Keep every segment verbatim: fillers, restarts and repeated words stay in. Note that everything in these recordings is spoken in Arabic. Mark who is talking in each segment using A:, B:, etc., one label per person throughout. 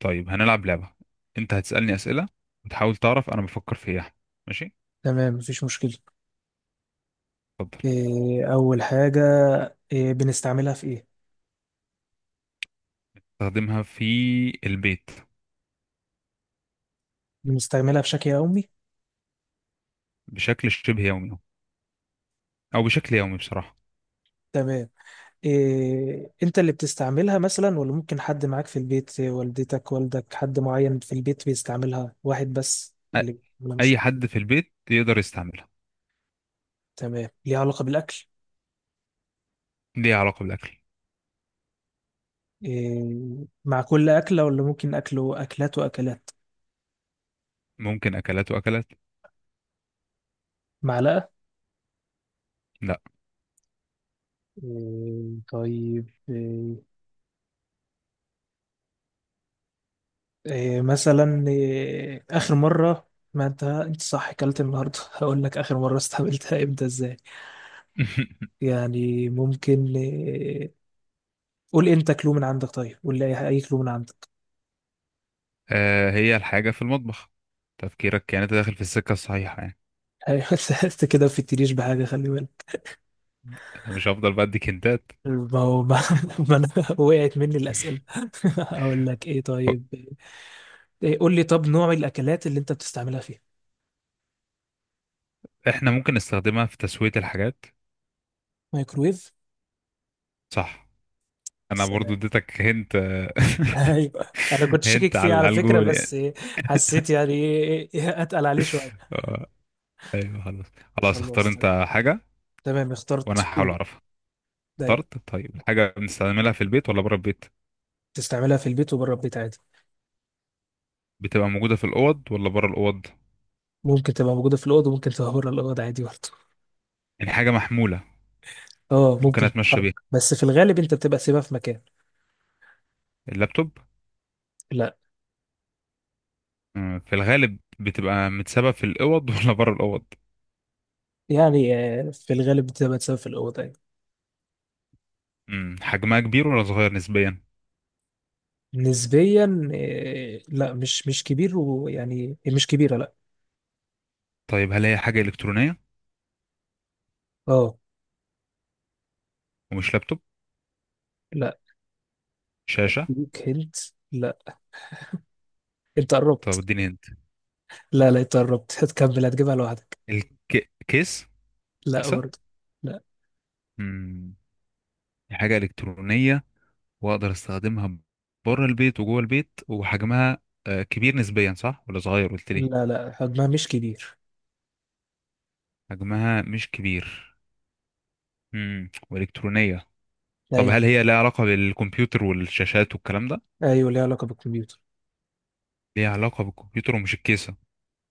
A: طيب هنلعب لعبة. انت هتسألني أسئلة وتحاول تعرف انا بفكر في ايه، أحمد. ماشي.
B: تمام، مفيش مشكلة.
A: اتفضل.
B: إيه أول حاجة، إيه بنستعملها في إيه؟
A: استخدمها في البيت.
B: بنستعملها بشكل يومي؟
A: بشكل شبه يومي او بشكل يومي بصراحة.
B: تمام. إيه أنت اللي بتستعملها مثلا، ولا ممكن حد معاك في البيت، إيه، والدتك والدك حد معين في البيت بيستعملها، واحد بس
A: أ-
B: اللي ولا
A: اي
B: مش؟
A: حد في البيت يقدر يستعملها.
B: تمام. ليها علاقة بالأكل؟
A: ليها علاقة بالاكل.
B: إيه، مع كل أكلة ولا ممكن أكله أكلات وأكلات؟
A: ممكن اكلات واكلات.
B: معلقة؟
A: لا.
B: إيه طيب، إيه، إيه مثلا، إيه آخر مرة، ما أنت أنت صح أكلت النهاردة؟ هقول لك آخر مرة استقبلتها إمتى، إزاي. يعني ممكن إيه، قول أنت كلو من عندك. طيب قول لي، أي أي كلو من عندك.
A: آه، هي الحاجة في المطبخ. تفكيرك كانت داخل في السكة الصحيحة يعني.
B: أيوة. أنت كده بتتريش بحاجة، خلي بالك.
A: انا مش هفضل بديك هنتات.
B: ما هو ما, ما أنا وقعت مني الأسئلة. أقول لك إيه طيب، إيه قول لي. طب نوع الأكلات اللي أنت بتستعملها فيها؟
A: احنا ممكن نستخدمها في تسوية الحاجات.
B: مايكرويف.
A: صح. انا برضو
B: سلام.
A: اديتك هنت.
B: ايوه. انا كنت شاكك
A: هنت
B: فيه
A: على
B: على
A: على
B: فكره،
A: الجول
B: بس
A: يعني.
B: إيه، حسيت يعني إيه- إيه، إيه، اتقل عليه شويه.
A: آه، ايوه، خلاص. خلاص، اختار
B: خلاص تمام.
A: انت حاجه
B: تمام
A: وانا
B: اخترت،
A: هحاول
B: قول.
A: اعرفها.
B: دايما.
A: اخترت؟ طيب، الحاجه بنستعملها في البيت ولا بره البيت؟
B: تستعملها في البيت وبره البيت عادي.
A: بتبقى موجوده في الاوض ولا بره الاوض؟
B: ممكن تبقى موجودة في الأوضة وممكن تبقى بره الأوضة عادي برضه.
A: يعني حاجه محموله؟
B: اه
A: ممكن
B: ممكن
A: اتمشى
B: تتحرك،
A: بيها؟
B: بس في الغالب أنت بتبقى سيبها في مكان.
A: اللابتوب؟
B: لا.
A: مم، في الغالب بتبقى متسابه في الاوض. ولا بره الاوض؟
B: يعني آه، في الغالب بتبقى تسيبها في الأوضة يعني.
A: مم، حجمها كبير ولا صغير نسبيا؟
B: نسبيا. آه، لا مش مش كبير، ويعني مش كبيرة، لا.
A: طيب، هل هي حاجه الكترونيه؟
B: اه.
A: ومش لابتوب؟
B: لا.
A: شاشه؟
B: ليك هنت. لا، أنت
A: طب
B: قربت.
A: اديني هنت.
B: لا لا، أنت قربت هتكمل، هتجيبها لوحدك.
A: الكيس؟
B: لا
A: كيسه؟
B: برضه. لا.
A: مم. دي حاجة إلكترونية وأقدر أستخدمها بره البيت وجوه البيت، وحجمها آه، كبير نسبيا، صح ولا صغير، قلت لي؟
B: لا لا، حجمها مش كبير.
A: حجمها مش كبير. امم وإلكترونية. طب
B: أيوه.
A: هل هي لها علاقة بالكمبيوتر والشاشات والكلام ده؟
B: أيوه ليها علاقة بالكمبيوتر.
A: ليها علاقة بالكمبيوتر ومش الكيسة.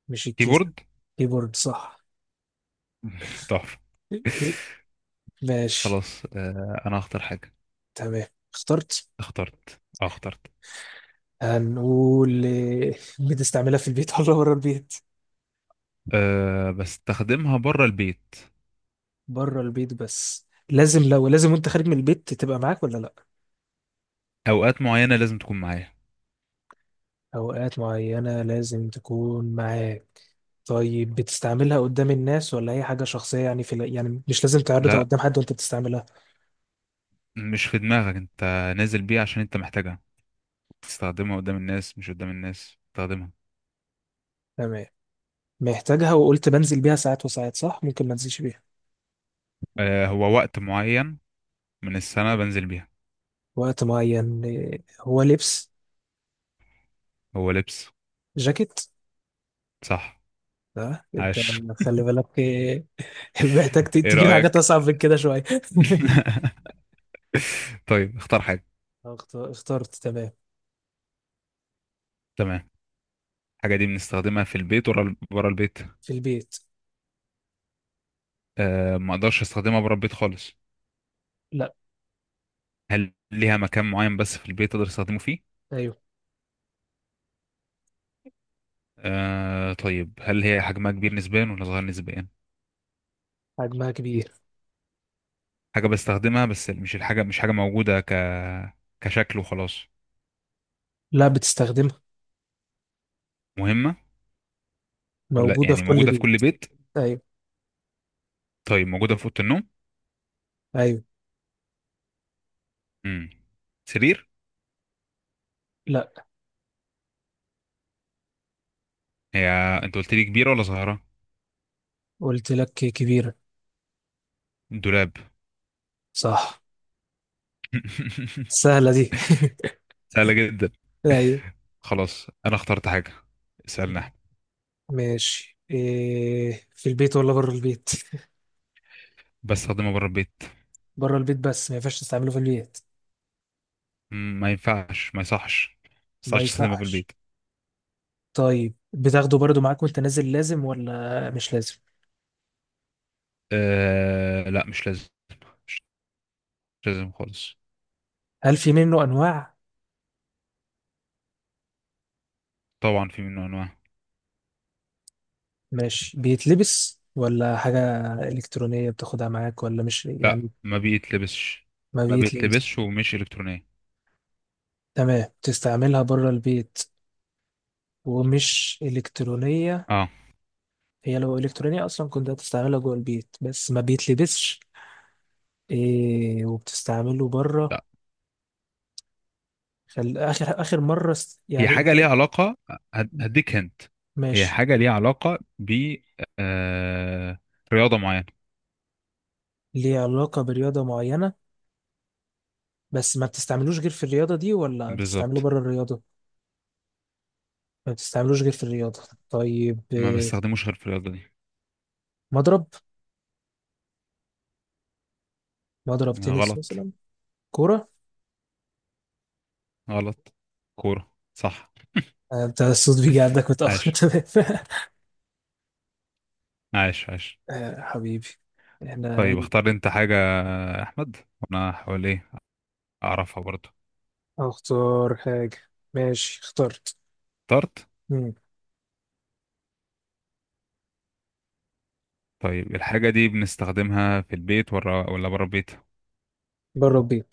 B: مش الكيسة.
A: كيبورد!
B: كيبورد صح.
A: تحفة.
B: ماشي.
A: خلاص آه، أنا هختار حاجة.
B: تمام اخترت.
A: اخترت اه اخترت.
B: هنقول إيه، بتستعملها في البيت ولا بره البيت؟
A: أه بستخدمها بره البيت.
B: بره البيت، بس لازم لو لازم وانت خارج من البيت تبقى معاك ولا لا؟
A: أوقات معينة لازم تكون معايا.
B: اوقات معينة لازم تكون معاك. طيب بتستعملها قدام الناس، ولا هي حاجة شخصية، يعني في ال- يعني مش لازم تعرضها
A: لا،
B: قدام حد وانت بتستعملها.
A: مش في دماغك انت. نازل بيها عشان انت محتاجها. تستخدمها قدام الناس، مش قدام الناس تستخدمها.
B: تمام. محتاجها، وقلت بنزل بيها ساعات وساعات، صح؟ ممكن ما انزلش بيها.
A: آه هو وقت معين من السنة بنزل بيها.
B: وقت معين إيه، هو لبس.
A: هو لبس.
B: جاكيت؟
A: صح.
B: لا انت،
A: عاش.
B: خلي بالك إيه، محتاج ت-
A: ايه
B: تجيب حاجات
A: رأيك؟
B: اصعب من كده شويه.
A: طيب اختار حاجة.
B: اخت- اخترت. تمام.
A: تمام. الحاجة دي بنستخدمها في البيت ورا ورا البيت؟
B: في البيت.
A: آه ما اقدرش استخدمها بره البيت خالص.
B: لا.
A: هل ليها مكان معين بس في البيت اقدر استخدمه فيه؟
B: ايوه
A: آه طيب، هل هي حجمها كبير نسبيا ولا صغير نسبيا؟
B: حجمها كبير.
A: حاجة بستخدمها بس مش الحاجة مش حاجة موجودة ك كشكل وخلاص.
B: لا بتستخدمها.
A: مهمة ولا
B: موجوده في
A: يعني
B: كل
A: موجودة في كل
B: بيت.
A: بيت؟
B: ايوه.
A: طيب موجودة في أوضة النوم.
B: ايوه.
A: امم سرير؟
B: لا،
A: هي أنت قلت لي كبيرة ولا صغيرة؟
B: قلت لك كبيره.
A: دولاب؟
B: صح. سهله دي.
A: سهلة جدا.
B: ايوه.
A: خلاص أنا اخترت حاجة، اسألنا احنا.
B: ماشي، إيه في البيت ولا بره البيت؟
A: بستخدمها بره البيت.
B: بره البيت بس ما ينفعش تستعمله في البيت.
A: مم، ما ينفعش ما يصحش ما
B: ما
A: يصحش تستخدمها في
B: يصحش.
A: البيت.
B: طيب بتاخده برضو معاك وانت نازل، لازم ولا مش لازم؟
A: أه لا، مش لازم. مش لازم خالص.
B: هل في منه انواع؟
A: طبعا في منه أنواع.
B: ماشي، بيتلبس ولا حاجة؟ إلكترونية بتاخدها معاك ولا مش،
A: لا،
B: يعني؟
A: ما بيتلبسش.
B: ما
A: ما
B: بيتلبس.
A: بيتلبسش ومش إلكترونية.
B: تمام، تستعملها بره البيت ومش إلكترونية.
A: اه.
B: هي لو إلكترونية أصلا كنت هتستعملها جوه البيت، بس ما بيتلبسش. إيه وبتستعمله بره.
A: ده
B: خل... آخر آخر مرة است...
A: هي
B: يعني
A: حاجة
B: أنت
A: ليها
B: قلت-
A: علاقة. هد- هديك هنت. هي
B: ماشي.
A: حاجة ليها علاقة ب آه... رياضة معينة.
B: ليه علاقة برياضة معينة، بس ما بتستعملوش غير في الرياضة دي، ولا بتستعمله
A: بالظبط.
B: بره الرياضة؟ ما بتستعملوش غير في الرياضة. طيب
A: ما
B: إيه،
A: بستخدموش غير في الرياضة دي.
B: مضرب. مضرب تنس
A: غلط.
B: مثلا. كورة.
A: غلط. كورة صح.
B: آه، بتاع الصوت بيجي عندك متأخر
A: عاش.
B: تمام.
A: عاش عاش.
B: آه، حبيبي. احنا
A: طيب
B: ايه.
A: اختار انت حاجة يا أحمد، وأنا هحاول ايه أعرفها برضه.
B: اختار حاجة. ماشي، اخترت.
A: اخترت.
B: مم.
A: طيب الحاجة دي بنستخدمها في البيت ولا ولا بره البيت؟
B: بره البيت.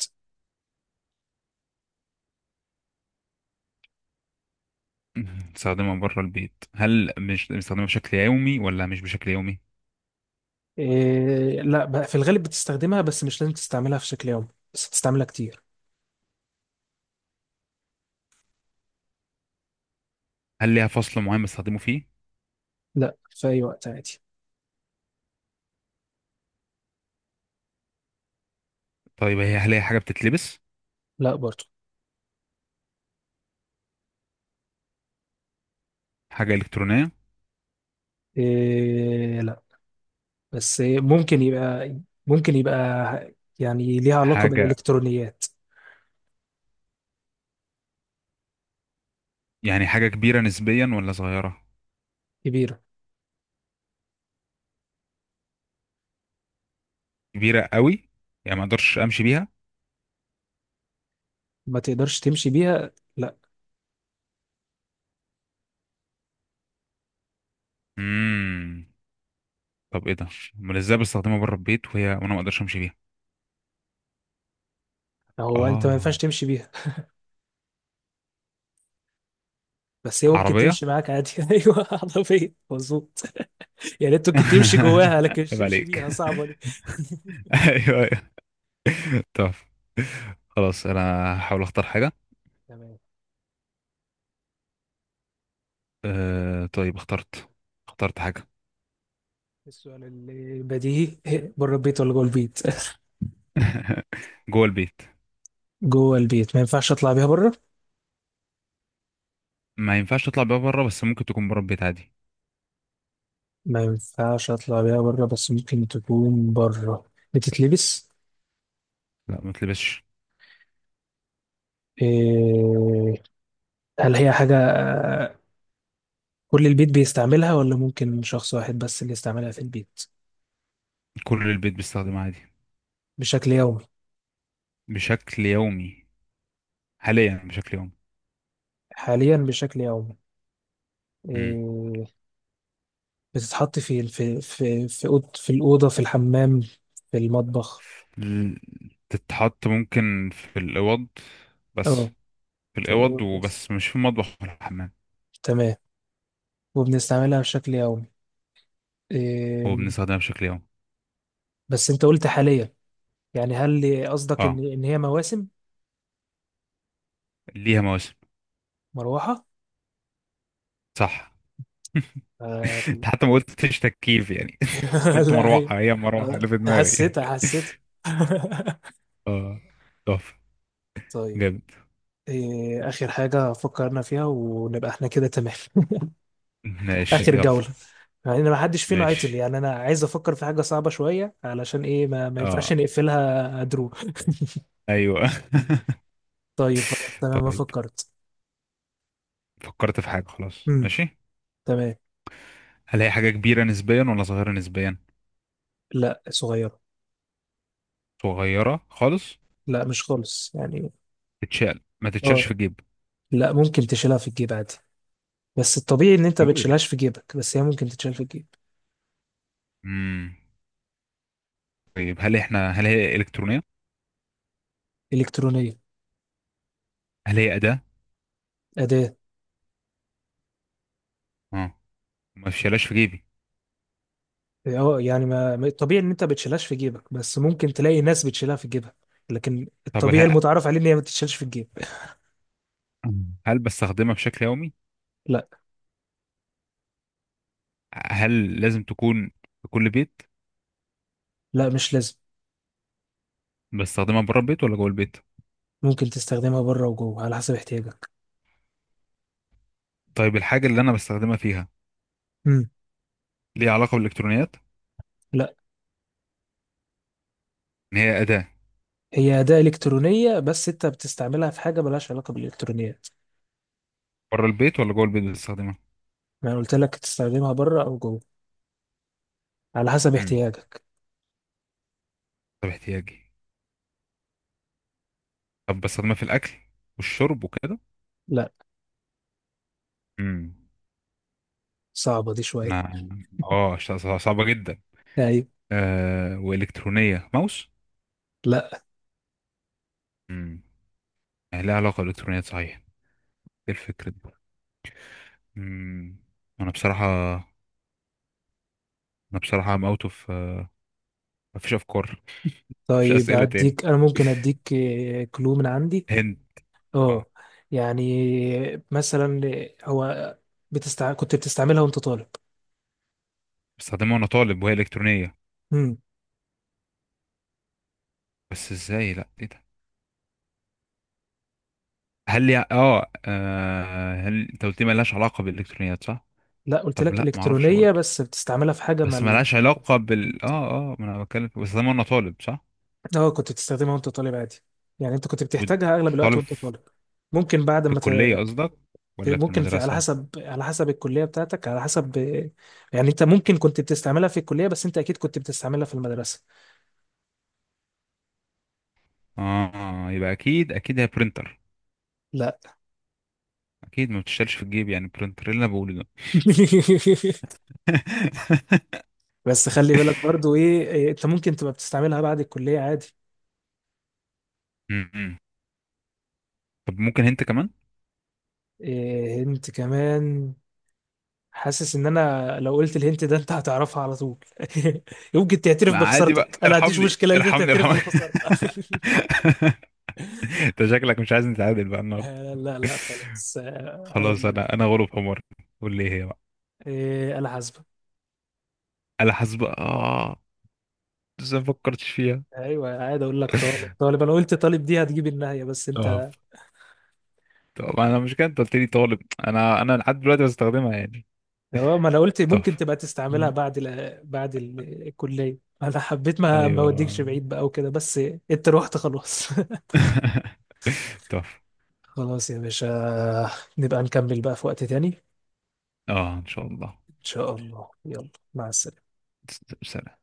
A: بنستخدمها بره البيت. هل مش بنستخدمها بشكل يومي ولا مش بشكل يومي؟
B: إيه لا بقى، في الغالب بتستخدمها بس مش لازم تستعملها في شكل يومي، بس بتستعملها كتير.
A: هل ليها فصل معين بنستخدمه فيه؟
B: لا، في أي وقت عادي.
A: طيب هي هل هي حاجة بتتلبس؟
B: لا برضو.
A: حاجة إلكترونية؟
B: إيه لا، بس إيه ممكن يبقى، ممكن يبقى يعني ليها علاقة
A: حاجة
B: بالإلكترونيات.
A: يعني، حاجة كبيرة نسبيا ولا صغيرة؟
B: كبيرة.
A: كبيرة قوي؟ يعني ما اقدرش امشي بيها؟
B: ما تقدرش تمشي بيها، لا.
A: امم. طب ايه ده؟ امال ازاي بستخدمها بره البيت وهي وانا ما اقدرش امشي بيها؟
B: هو انت ما ينفعش
A: اه.
B: تمشي بيها، بس هي ممكن
A: عربية؟
B: تمشي معاك عادي ايوه عربيه، مظبوط. يعني انت ممكن تمشي جواها، لكن مش
A: عيب
B: تمشي
A: عليك.
B: بيها، صعبه دي.
A: ايوه، ايوه. طب خلاص، انا هحاول اختار حاجة.
B: تمام.
A: أه طيب اخترت. اخترت حاجة.
B: السؤال اللي بديهي إيه، بره البيت ولا جوه البيت؟
A: جوه البيت.
B: جوه البيت، ما ينفعش اطلع بيها بره.
A: ما ينفعش تطلع بيها بره، بس ممكن تكون بره البيت عادي.
B: ما ينفعش اطلع بيها بره بس ممكن تكون بره. بتتلبس؟
A: لا، ما تلبسش.
B: إيه... هل هي حاجه آه، كل البيت بيستعملها ولا ممكن شخص واحد بس اللي يستعملها في البيت؟
A: كل البيت بيستخدمها عادي.
B: بشكل يومي.
A: بشكل يومي. حاليا بشكل يومي.
B: حاليا بشكل يومي.
A: امم.
B: إيه، بتتحط في الف- في في في أوض- في الأوضة، في الحمام، في المطبخ؟
A: تتحط ممكن في الأوض بس.
B: اه.
A: في
B: في
A: الأوض
B: الأوضة بس.
A: وبس، مش في المطبخ ولا الحمام.
B: تمام. وبنستعملها بشكل يومي.
A: هو
B: إم،
A: بنستخدمها بشكل يومي.
B: بس أنت قلت حاليا، يعني هل قصدك إن
A: اه.
B: إن هي مواسم؟
A: ليها مواسم.
B: مروحة؟
A: صح.
B: آه،
A: انت حتى ما قلتش تكييف يعني. قلت
B: لا هي.
A: مروحة، هي المروحة اللي
B: آه،
A: في دماغي.
B: حسيتها حسيتها
A: اه. تحفة.
B: طيب.
A: جامد.
B: إيه آخر حاجة فكرنا فيها ونبقى احنا كده تمام.
A: ماشي
B: اخر
A: يلا.
B: جولة. يعني انا ما حدش فينا عطل،
A: ماشي.
B: يعني انا عايز افكر في حاجة صعبة شوية، علشان ايه ما, ما ينفعش
A: اه.
B: نقفلها درو.
A: ايوه.
B: طيب خلاص تمام، ما
A: طيب
B: فكرت.
A: فكرت في حاجة خلاص،
B: امم.
A: ماشي.
B: تمام.
A: هلاقي حاجة كبيرة نسبيا ولا صغيرة نسبيا؟
B: لا صغيرة.
A: صغيرة خالص؟
B: لا مش خالص يعني.
A: تتشال، ما تتشالش في
B: اه
A: الجيب؟
B: لا ممكن تشيلها في الجيب عادي، بس الطبيعي ان انت ما
A: موبايل؟
B: بتشيلهاش في جيبك، بس هي ممكن تتشال في الجيب.
A: امم. طيب، هل احنا هل هي إلكترونية؟
B: الكترونية.
A: هل هي أداة؟
B: أداة.
A: اه. ما تشالهاش في جيبي؟
B: اه يعني ما ما- الطبيعي ان انت ما بتشيلهاش في جيبك، بس ممكن تلاقي ناس بتشيلها في جيبها، لكن
A: طب
B: الطبيعي
A: هل
B: المتعارف عليه ان هي ما بتتشالش في الجيب.
A: هل بستخدمها بشكل يومي؟
B: لا.
A: هل لازم تكون في كل بيت؟
B: لا مش لازم.
A: بستخدمها بره البيت ولا جوه البيت؟
B: ممكن تستخدمها بره وجوه على حسب احتياجك.
A: طيب الحاجة اللي انا بستخدمها فيها
B: امم.
A: ليها علاقة بالإلكترونيات؟
B: لا،
A: ان هي أداة؟
B: هي أداة إلكترونية بس أنت بتستعملها في حاجة ملهاش علاقة بالإلكترونيات.
A: بره البيت ولا جوه البيت بستخدمها؟
B: ما أنا قلت لك تستخدمها بره أو جوه، على حسب
A: امم.
B: احتياجك.
A: طب احتياجي. طب بستخدمها في الأكل والشرب وكده؟
B: لا.
A: امم.
B: صعبة دي شوية.
A: انا اه ش- صع- صعبة جدا.
B: أيوة.
A: آه والكترونية، ماوس؟
B: لا.
A: امم. لها علاقة بالالكترونيات صحيح. ايه الفكرة دي؟ امم. انا بصراحة انا بصراحة ام اوت اوف. مفيش افكار. مفيش
B: طيب
A: اسئلة تاني.
B: أديك، أنا ممكن أديك آه، كلو من عندي.
A: هند؟
B: أه.
A: اه.
B: يعني مثلا، هو بتستع... كنت بتستعملها وأنت طالب.
A: بستخدمها وانا طالب وهي الكترونية.
B: امم.
A: بس ازاي؟ لا، ايه ده؟ هل لي اه آه، هل انت قلت لي ملهاش علاقة بالالكترونيات، صح؟
B: لا، قلت
A: طب
B: لك
A: لا، ما اعرفش
B: إلكترونية
A: برضه.
B: بس بتستعملها في حاجة
A: بس ملهاش
B: ملهاش علاقة.
A: علاقة بال اه اه ما انا بتكلم، بستخدمها وانا طالب صح؟
B: اه كنت بتستخدمها وانت طالب عادي، يعني انت كنت بتحتاجها اغلب الوقت
A: وطالب
B: وانت طالب. ممكن بعد
A: في
B: ما ت...
A: الكلية قصدك ولا في
B: ممكن في، على
A: المدرسة؟
B: حسب على حسب الكلية بتاعتك، على حسب، يعني انت ممكن كنت بتستعملها في الكلية، بس انت اكيد كنت بتستعملها في المدرسة.
A: اه يبقى، اكيد اكيد هي برينتر.
B: لا
A: اكيد ما بتشتغلش في الجيب، يعني برينتر اللي انا بقوله ده.
B: بس خلي بالك برضو ايه إيه، انت ممكن تبقى بتستعملها بعد الكلية عادي.
A: م-م. طب ممكن انت كمان.
B: إيه هنت كمان، حاسس ان انا لو قلت الهنت ده انت هتعرفها على طول يمكن تعترف
A: ما عادي بقى،
B: بخسارتك، انا ما عنديش
A: ارحمني
B: مشكلة ان انت
A: ارحمني
B: تعترف
A: ارحمني.
B: بالخسارة
A: انت شكلك مش عايز نتعادل بقى النهارده.
B: آه، لا لا خلاص، آه،
A: خلاص،
B: هقول لك.
A: انا انا غلب حمار. قول لي إيه هي بقى.
B: إيه انا حاسبه.
A: انا حاسب اه لسه ما فكرتش فيها.
B: ايوه عادي اقول لك. طالب طالب، انا قلت طالب دي هتجيب النهايه بس
A: طب
B: انت.
A: طب انا مش كده، انت قلت لي طالب. انا انا لحد دلوقتي بستخدمها يعني.
B: اه ما انا قلت
A: طب.
B: ممكن تبقى تستعملها
A: آه.
B: بعد ال... بعد ال- الكليه، انا حبيت ما ما
A: ايوه.
B: اوديكش بعيد بقى وكده بس. انت روحت خلاص
A: تحفة.
B: خلاص يا باشا، نبقى نكمل بقى في وقت تاني.
A: اه ان شاء الله.
B: ان شاء الله يلا، مع السلامه.
A: سلام.